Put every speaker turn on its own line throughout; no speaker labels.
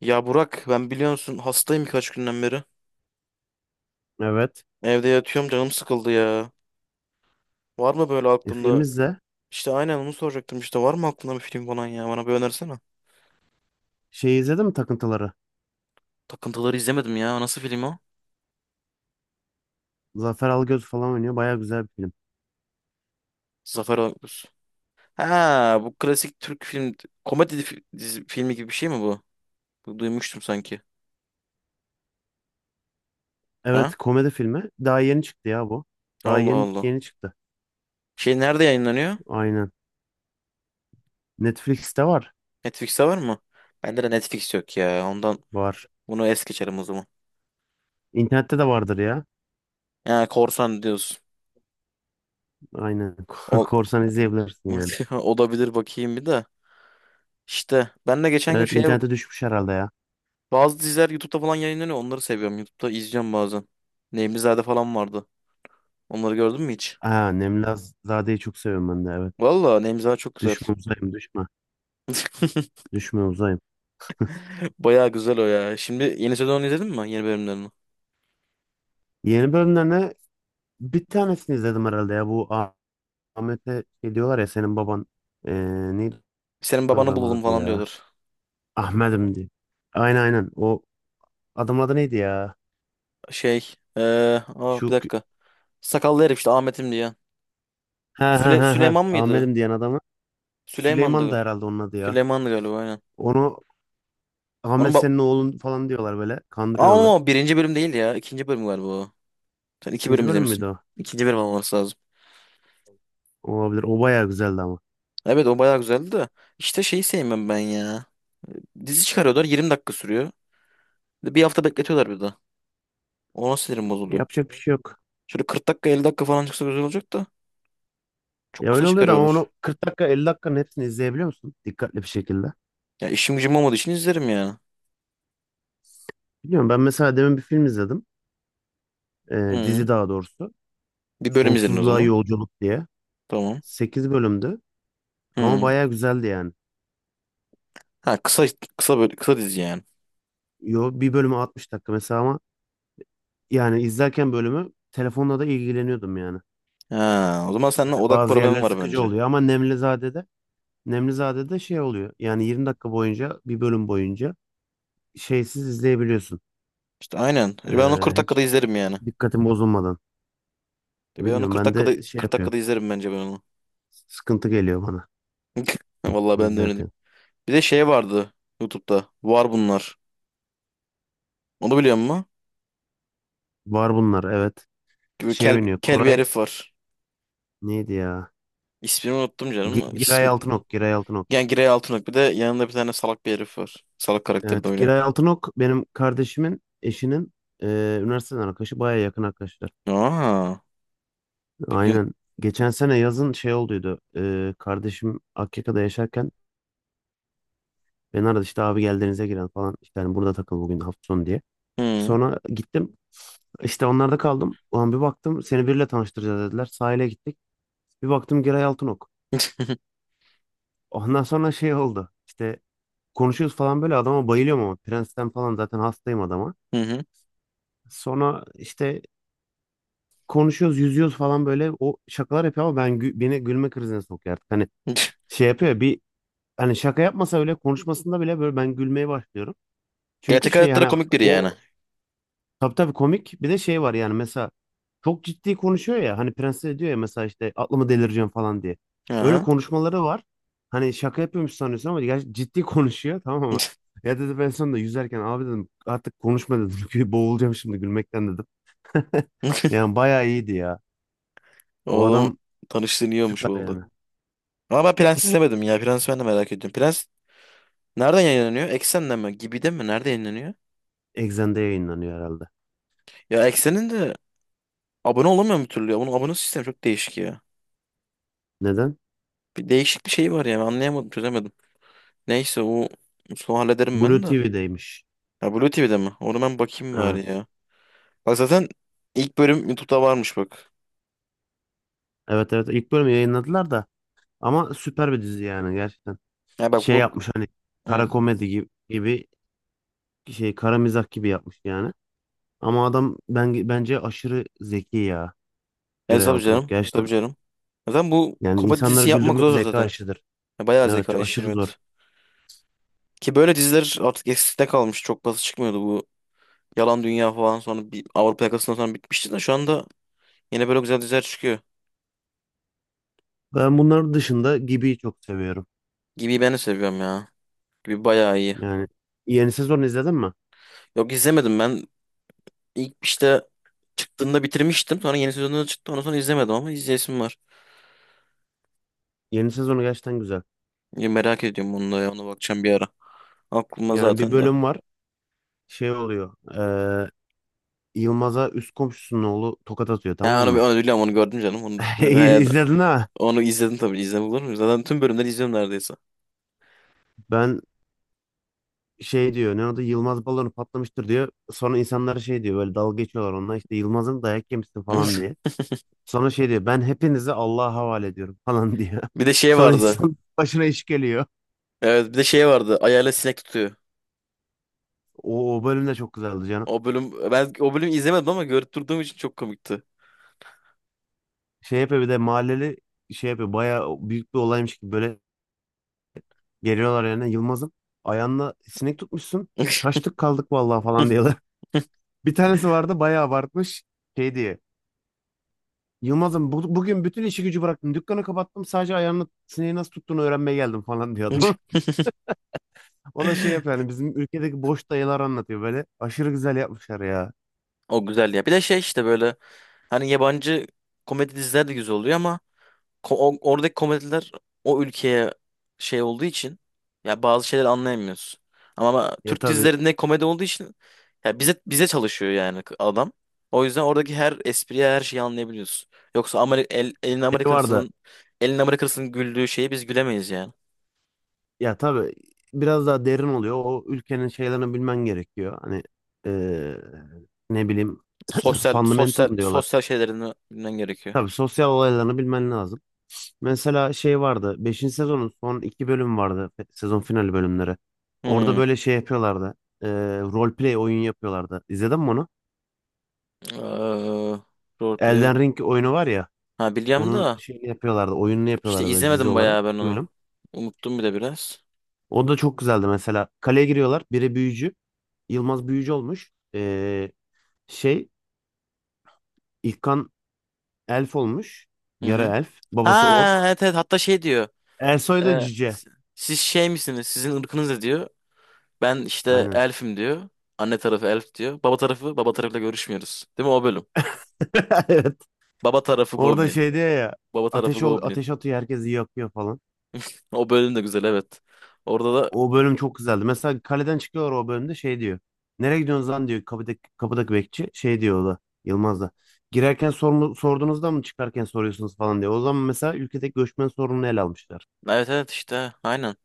Ya Burak ben biliyorsun hastayım birkaç günden beri.
Evet.
Evde yatıyorum canım sıkıldı ya. Var mı böyle
E, film
aklında?
izle.
İşte aynen onu soracaktım, işte var mı aklında bir film falan, ya bana bir önersene.
Şey izledin mi Takıntıları?
Takıntıları izlemedim ya. Nasıl film o?
Zafer Algöz falan oynuyor. Baya güzel bir film.
Zafer Algöz. Ha bu klasik Türk film komedi filmi gibi bir şey mi bu? Bu duymuştum sanki. Ha?
Evet komedi filmi. Daha yeni çıktı ya bu. Daha
Allah
yeni
Allah.
yeni çıktı.
Şey nerede yayınlanıyor?
Aynen. Netflix'te var.
Netflix'te var mı? Bende de Netflix yok ya. Ondan
Var.
bunu es geçerim o zaman.
İnternette de vardır ya.
Ya korsan diyorsun.
Aynen.
Ol...
Korsan izleyebilirsin yani.
Olabilir bakayım bir de. İşte ben de geçen gün
Evet
şeye
internete düşmüş herhalde ya.
bazı diziler YouTube'da falan yayınlanıyor. Onları seviyorum. YouTube'da izleyeceğim bazen. Nemlizade falan vardı. Onları gördün mü hiç?
Ha, Nemlizade'yi çok seviyorum ben de evet.
Valla Nemlizade çok güzel.
Düşme uzayım düşme. Düşme uzayım.
Baya güzel o ya. Şimdi yeni sezonu izledin mi? Yeni bölümlerini.
Yeni bölümlerine bir tanesini izledim herhalde ya. Bu Ahmet'e şey diyorlar ya senin baban. Ee, Neydi
Senin
o
babanı
adamın
bulalım
adı
falan
ya?
diyorlar.
Ahmet'im diye. Aynen aynen. O adamın adı neydi ya?
Şey, bir
Şu
dakika. Sakallı herif işte Ahmet'im diye.
ha ha ha ha.
Süleyman mıydı?
Ahmet'im diyen adamı. Süleyman da
Süleyman'dı.
herhalde onun adı ya.
Süleyman'dı galiba aynen.
Onu
Onun
Ahmet
bak,
senin oğlun falan diyorlar böyle. Kandırıyorlar.
ama o birinci bölüm değil ya. İkinci bölüm galiba o. Sen iki
İkinci
bölüm
bölüm
izlemişsin.
müydü o?
İkinci bölüm olması lazım.
Olabilir. O bayağı güzeldi ama.
Evet o bayağı güzeldi de. İşte şeyi sevmem ben ya. Dizi çıkarıyorlar, 20 dakika sürüyor. Bir de bir hafta bekletiyorlar bir de. Ona sinirim bozuluyor.
Yapacak bir şey yok.
Şöyle 40 dakika, 50 dakika falan çıksa güzel olacak da. Çok
Ya
kısa
öyle oluyordu ama
çıkarıyorlar.
onu 40 dakika 50 dakikanın hepsini izleyebiliyor musun? Dikkatli bir şekilde.
Ya işim gücüm olmadığı için izlerim ya.
Biliyorum ben mesela demin bir film izledim.
Hı.
Dizi daha doğrusu.
Bir bölüm izlerim o
Sonsuzluğa
zaman.
Yolculuk diye.
Tamam.
8 bölümdü. Ama
Hı.
bayağı güzeldi yani.
Ha kısa, kısa böyle kısa dizi yani.
Yo, bir bölümü 60 dakika mesela ama yani izlerken bölümü telefonla da ilgileniyordum yani.
Ha o zaman seninle
Hani
odak
bazı
problemi
yerler
var
sıkıcı
bence.
oluyor ama Nemlizade'de şey oluyor. Yani 20 dakika boyunca bir bölüm boyunca şeysiz izleyebiliyorsun.
İşte aynen. Ben onu 40
Hiç
dakikada izlerim yani.
dikkatin bozulmadan.
Ben onu
Bilmiyorum
kırk
ben
dakikada
de şey
kırk
yapıyor.
dakikada izlerim bence ben onu.
Sıkıntı geliyor bana
Vallahi ben de öyle diyeyim.
izlerken.
Bir de şey vardı YouTube'da. Var bunlar. Onu biliyor musun?
Var bunlar evet.
Böyle
Şey
kel,
oynuyor.
kel bir
Koray
herif var.
neydi ya?
İsmini unuttum canım.
Giray Altınok. Giray Altınok.
Yani Girey Altınok, bir de yanında bir tane salak bir herif var. Salak karakteri de
Evet,
oynuyor.
Giray Altınok benim kardeşimin eşinin e, üniversiteden arkadaşı, baya yakın arkadaşlar.
Aa, bir gün...
Aynen. Geçen sene yazın şey olduydu. Kardeşim Akyaka'da yaşarken beni aradı işte abi gel denize girelim falan. İşte hani burada takıl bugün hafta sonu diye.
Hı.
Sonra gittim. İşte onlarda kaldım. Ulan bir baktım seni biriyle tanıştıracağız dediler. Sahile gittik. Bir baktım Giray Altınok. Ondan sonra şey oldu. İşte konuşuyoruz falan böyle adama bayılıyorum ama Prens'ten falan zaten hastayım adama.
Hı hı.
Sonra işte konuşuyoruz, yüzüyoruz falan böyle o şakalar yapıyor ama ben beni gülme krizine sokuyor artık. Hani şey yapıyor ya, bir hani şaka yapmasa öyle konuşmasında bile böyle ben gülmeye başlıyorum. Çünkü
Gerçek
şey
hayatta da
hani
komik biri
o
yani.
tabii tabii komik bir de şey var yani mesela çok ciddi konuşuyor ya hani prenses diyor ya mesela işte aklımı delireceğim falan diye. Öyle
Aha.
konuşmaları var. Hani şaka yapıyormuş sanıyorsun ama gerçi ciddi konuşuyor tamam mı? Ya dedi ben sonunda yüzerken abi dedim artık konuşma dedim. Çünkü boğulacağım şimdi gülmekten dedim. Yani bayağı iyiydi ya. O
Oğlum
adam
tanıştığın iyi olmuş
süper
oldu.
yani.
Ama ben Prens izlemedim ya. Prens ben de merak ediyorum. Prens nereden yayınlanıyor? Eksen'den mi? Gibi'de mi? Nerede yayınlanıyor?
Exxen'de yayınlanıyor herhalde.
Ya Eksen'in de abone olamıyorum bir türlü ya. Bunun abone sistemi çok değişik ya.
Neden?
Bir değişik bir şey var yani. Anlayamadım, çözemedim. Neyse o son hallederim
Blue
ben de.
TV'deymiş.
Ha Blue TV'de mi? Onu ben bakayım bari
Evet.
ya. Bak zaten ilk bölüm YouTube'da varmış bak.
Evet evet ilk bölümü yayınladılar da ama süper bir dizi yani gerçekten.
Ya bak
Şey
bu...
yapmış hani
Hı.
kara komedi gibi, gibi şey kara mizah gibi yapmış yani. Ama adam ben bence aşırı zeki ya Giray
Tabii
Altınok
canım.
gerçekten.
Tabii canım. Zaten bu
Yani
komedi
insanları
dizisi yapmak
güldürmek
zor
zeka
zaten.
işidir.
Ya, bayağı
Evet
zeka
çok
işi
aşırı zor.
evet. Ki böyle diziler artık eskide kalmış. Çok fazla çıkmıyordu bu. Yalan Dünya falan, sonra bir Avrupa Yakası'ndan sonra bitmişti de şu anda yine böyle güzel diziler çıkıyor.
Ben bunların dışında Gibi'yi çok seviyorum.
Gibi ben de seviyorum ya. Gibi bayağı iyi.
Yani yeni sezonu izledin mi?
Yok izlemedim ben. İlk işte çıktığında bitirmiştim. Sonra yeni sezonu da çıktı. Ondan sonra izlemedim ama izleyesim var.
Yeni sezonu gerçekten güzel.
Ya merak ediyorum onu da ya. Ona bakacağım bir ara. Aklıma
Yani bir
zaten de.
bölüm var şey oluyor. Yılmaz'a üst komşusunun oğlu tokat atıyor
Ha
tamam
onu,
mı?
onu biliyorum, onu gördüm canım. Onu, he,
İzledin ha?
onu izledim tabii. İzlem olur mu? Zaten tüm bölümleri izliyorum neredeyse.
Ben şey diyor ne oldu Yılmaz balonu patlamıştır diyor. Sonra insanlara şey diyor böyle dalga geçiyorlar onunla işte Yılmaz'ın dayak yemişsin falan diye. Sonra şey diyor ben hepinizi Allah'a havale ediyorum falan diyor.
Bir de şey
Sonra
vardı.
insan başına iş geliyor.
Evet bir de şey vardı. Ayağıyla sinek tutuyor.
O bölüm de çok güzeldi canım.
O bölüm, ben o bölümü izlemedim ama görüp durduğum için çok komikti.
Şey yapıyor bir de mahalleli şey yapıyor bayağı büyük bir olaymış gibi böyle geliyorlar yani Yılmaz'ın ayağına sinek tutmuşsun. Çaştık kaldık vallahi falan diyorlar. Bir tanesi vardı bayağı abartmış. Şey diye. Yılmaz'ım bugün bütün işi gücü bıraktım. Dükkanı kapattım. Sadece ayağını sineği nasıl tuttuğunu öğrenmeye geldim falan diyor adam. O da şey yapıyor yani bizim ülkedeki boş dayılar anlatıyor böyle. Aşırı güzel yapmışlar ya.
O güzeldi ya. Bir de şey işte, böyle hani yabancı komedi diziler de güzel oluyor ama oradaki komediler o ülkeye şey olduğu için ya bazı şeyler anlayamıyoruz. Ama
Ya
Türk
tabii
dizilerinde komedi olduğu için ya bize çalışıyor yani adam. O yüzden oradaki her espriye her şeyi anlayabiliyoruz. Yoksa Amerika, elin
şey var da
Amerikasının elin Amerikasının güldüğü şeyi biz gülemeyiz yani.
ya tabii biraz daha derin oluyor. O ülkenin şeylerini bilmen gerekiyor. Hani eee, ne bileyim
Sosyal
fundamental
sosyal
mı diyorlar.
sosyal şeylerini bilmen gerekiyor.
Tabii sosyal olaylarını bilmen lazım. Mesela şey vardı. Beşinci sezonun son iki bölüm vardı. Sezon finali bölümleri. Orada
Hmm.
böyle şey yapıyorlardı. E, Roleplay oyun yapıyorlardı. İzledin mi onu?
Eee, roleplay.
Elden Ring oyunu var ya.
Ha biliyorum
Onun
da
şeyini yapıyorlardı. Oyununu
işte
yapıyorlardı böyle dizi
izlemedim
olarak.
bayağı ben
İki
onu.
bölüm.
Unuttum bir de biraz.
O da çok güzeldi mesela. Kaleye giriyorlar. Biri büyücü. Yılmaz büyücü olmuş. Şey İlkan elf olmuş.
Hı hı.
Yara elf. Babası
Ha
ork.
evet evet, hatta şey diyor.
Ersoy da
e,
cüce.
s- Siz şey misiniz? Sizin ırkınız ne diyor? Ben işte
Aynen.
elfim diyor. Anne tarafı elf diyor. Baba tarafı, baba tarafıyla görüşmüyoruz. Değil mi o bölüm?
Evet.
Baba tarafı
Orada
goblin.
şey diyor ya.
Baba tarafı
Ateş ol,
goblin.
ateş atıyor herkesi yakıyor falan.
O bölüm de güzel evet. Orada da
O bölüm çok güzeldi. Mesela kaleden çıkıyorlar o bölümde şey diyor. Nereye gidiyorsunuz lan diyor kapıdaki bekçi. Şey diyor o da Yılmaz da. Girerken sorduğunuzda mı çıkarken soruyorsunuz falan diyor. O zaman mesela ülkedeki göçmen sorununu ele almışlar.
evet evet işte aynen.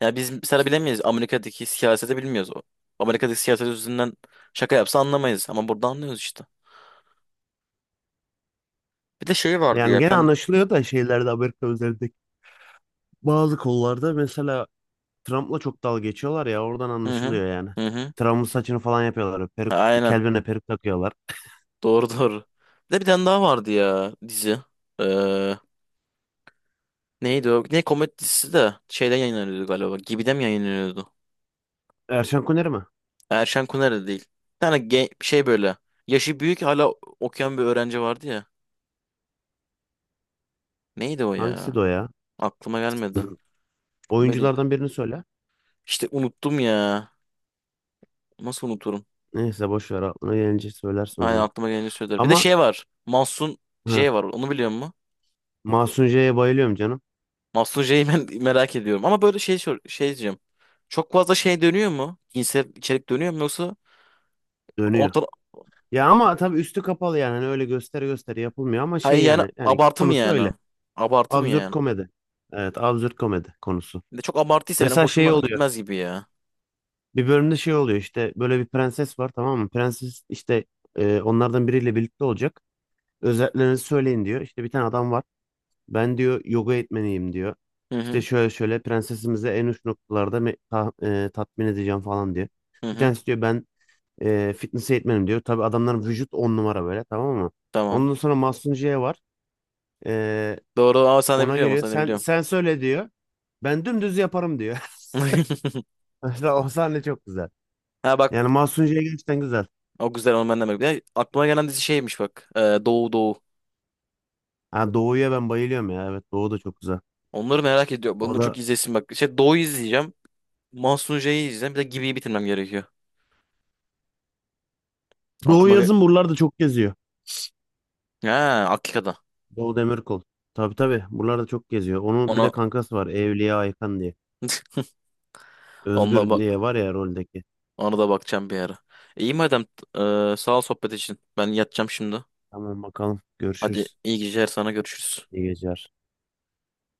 Ya biz mesela bilemeyiz. Amerika'daki siyaseti bilmiyoruz. Amerika'daki siyaset yüzünden şaka yapsa anlamayız. Ama burada anlıyoruz işte. Bir de şey vardı
Yani
ya. Bir
gene
tane...
anlaşılıyor da şeylerde Amerika üzerindeki bazı konularda mesela Trump'la çok dalga geçiyorlar ya oradan
Hı hı.
anlaşılıyor yani.
Hı hı.
Trump'ın saçını falan yapıyorlar. Peruk,
Aynen.
Calvin'e peruk takıyorlar.
Doğru doğru. Bir de bir tane daha vardı ya dizi. Ee, neydi o? Ne komedi dizisi de şeyden yayınlanıyordu galiba. Gibi'de mi yayınlanıyordu?
Erşan Kuneri mi?
Erşen Kuner'de değil. Bir tane şey böyle. Yaşı büyük hala okuyan bir öğrenci vardı ya. Neydi o ya?
Hangisiydi o ya?
Aklıma gelmedi. Komedi.
Oyunculardan birini söyle.
İşte unuttum ya. Nasıl unuturum?
Neyse boş ver aklına gelince söylersin o
Aynen
zaman.
aklıma gelince söylerim. Bir de
Ama
şey var. Mahsun
hı.
J var. Onu biliyor musun?
Masuncu'ya bayılıyorum canım.
Mahsun J'yi ben merak ediyorum. Ama böyle şey şey diyeceğim. Çok fazla şey dönüyor mu? Cinsel içerik dönüyor mu yoksa
Dönüyor.
ortada...
Ya ama tabii üstü kapalı yani. Hani öyle gösteri gösteri yapılmıyor ama şey
Hayır yani
yani. Yani
abartı mı
konusu
yani?
öyle.
Abartı mı
Absürt
yani?
komedi. Evet absürt komedi konusu.
Bir de çok abartıysa benim
Mesela şey
hoşuma
oluyor.
gitmez gibi ya.
Bir bölümde şey oluyor işte böyle bir prenses var tamam mı? Prenses işte onlardan biriyle birlikte olacak. Özelliklerinizi söyleyin diyor. İşte bir tane adam var. Ben diyor yoga eğitmeniyim diyor.
Hı
İşte
hı.
şöyle şöyle prensesimizi en uç noktalarda tatmin edeceğim falan diyor.
Hı
Bir
hı.
tanesi diyor ben fitness eğitmenim diyor. Tabii adamların vücut on numara böyle tamam mı?
Tamam.
Ondan sonra Mahsunciye var. E,
Doğru ama sen de
Ona
biliyorum.
geliyor.
Sen de
Sen
biliyorum.
sen söyle diyor. Ben dümdüz yaparım diyor. Mesela o sahne çok güzel.
Ha
Yani
bak.
Mahsunciye gerçekten güzel.
O güzel, onu ben de merak ediyorum. Aklıma gelen dizi şeymiş bak. Doğu Doğu.
Ha, Doğu'ya ben bayılıyorum ya. Evet Doğu da çok güzel.
Onları merak ediyorum.
O
Bunu çok
da
izlesin bak. Şey Doğu izleyeceğim. Mahsun J'yi izleyeceğim. Bir de Gibi'yi bitirmem gerekiyor.
Doğu
Aklıma ge-
yazın buralarda çok geziyor.
Ha Akika'da.
Doğu Demirkol. Tabii tabii. Buralarda çok geziyor. Onun bir de
Ona,
kankası var. Evliya Aykan diye.
ona,
Özgür
bak
diye var ya roldeki.
ona da bakacağım bir ara. İyi madem. Sağ ol sohbet için. Ben yatacağım şimdi.
Tamam bakalım.
Hadi
Görüşürüz.
iyi geceler sana, görüşürüz.
İyi geceler.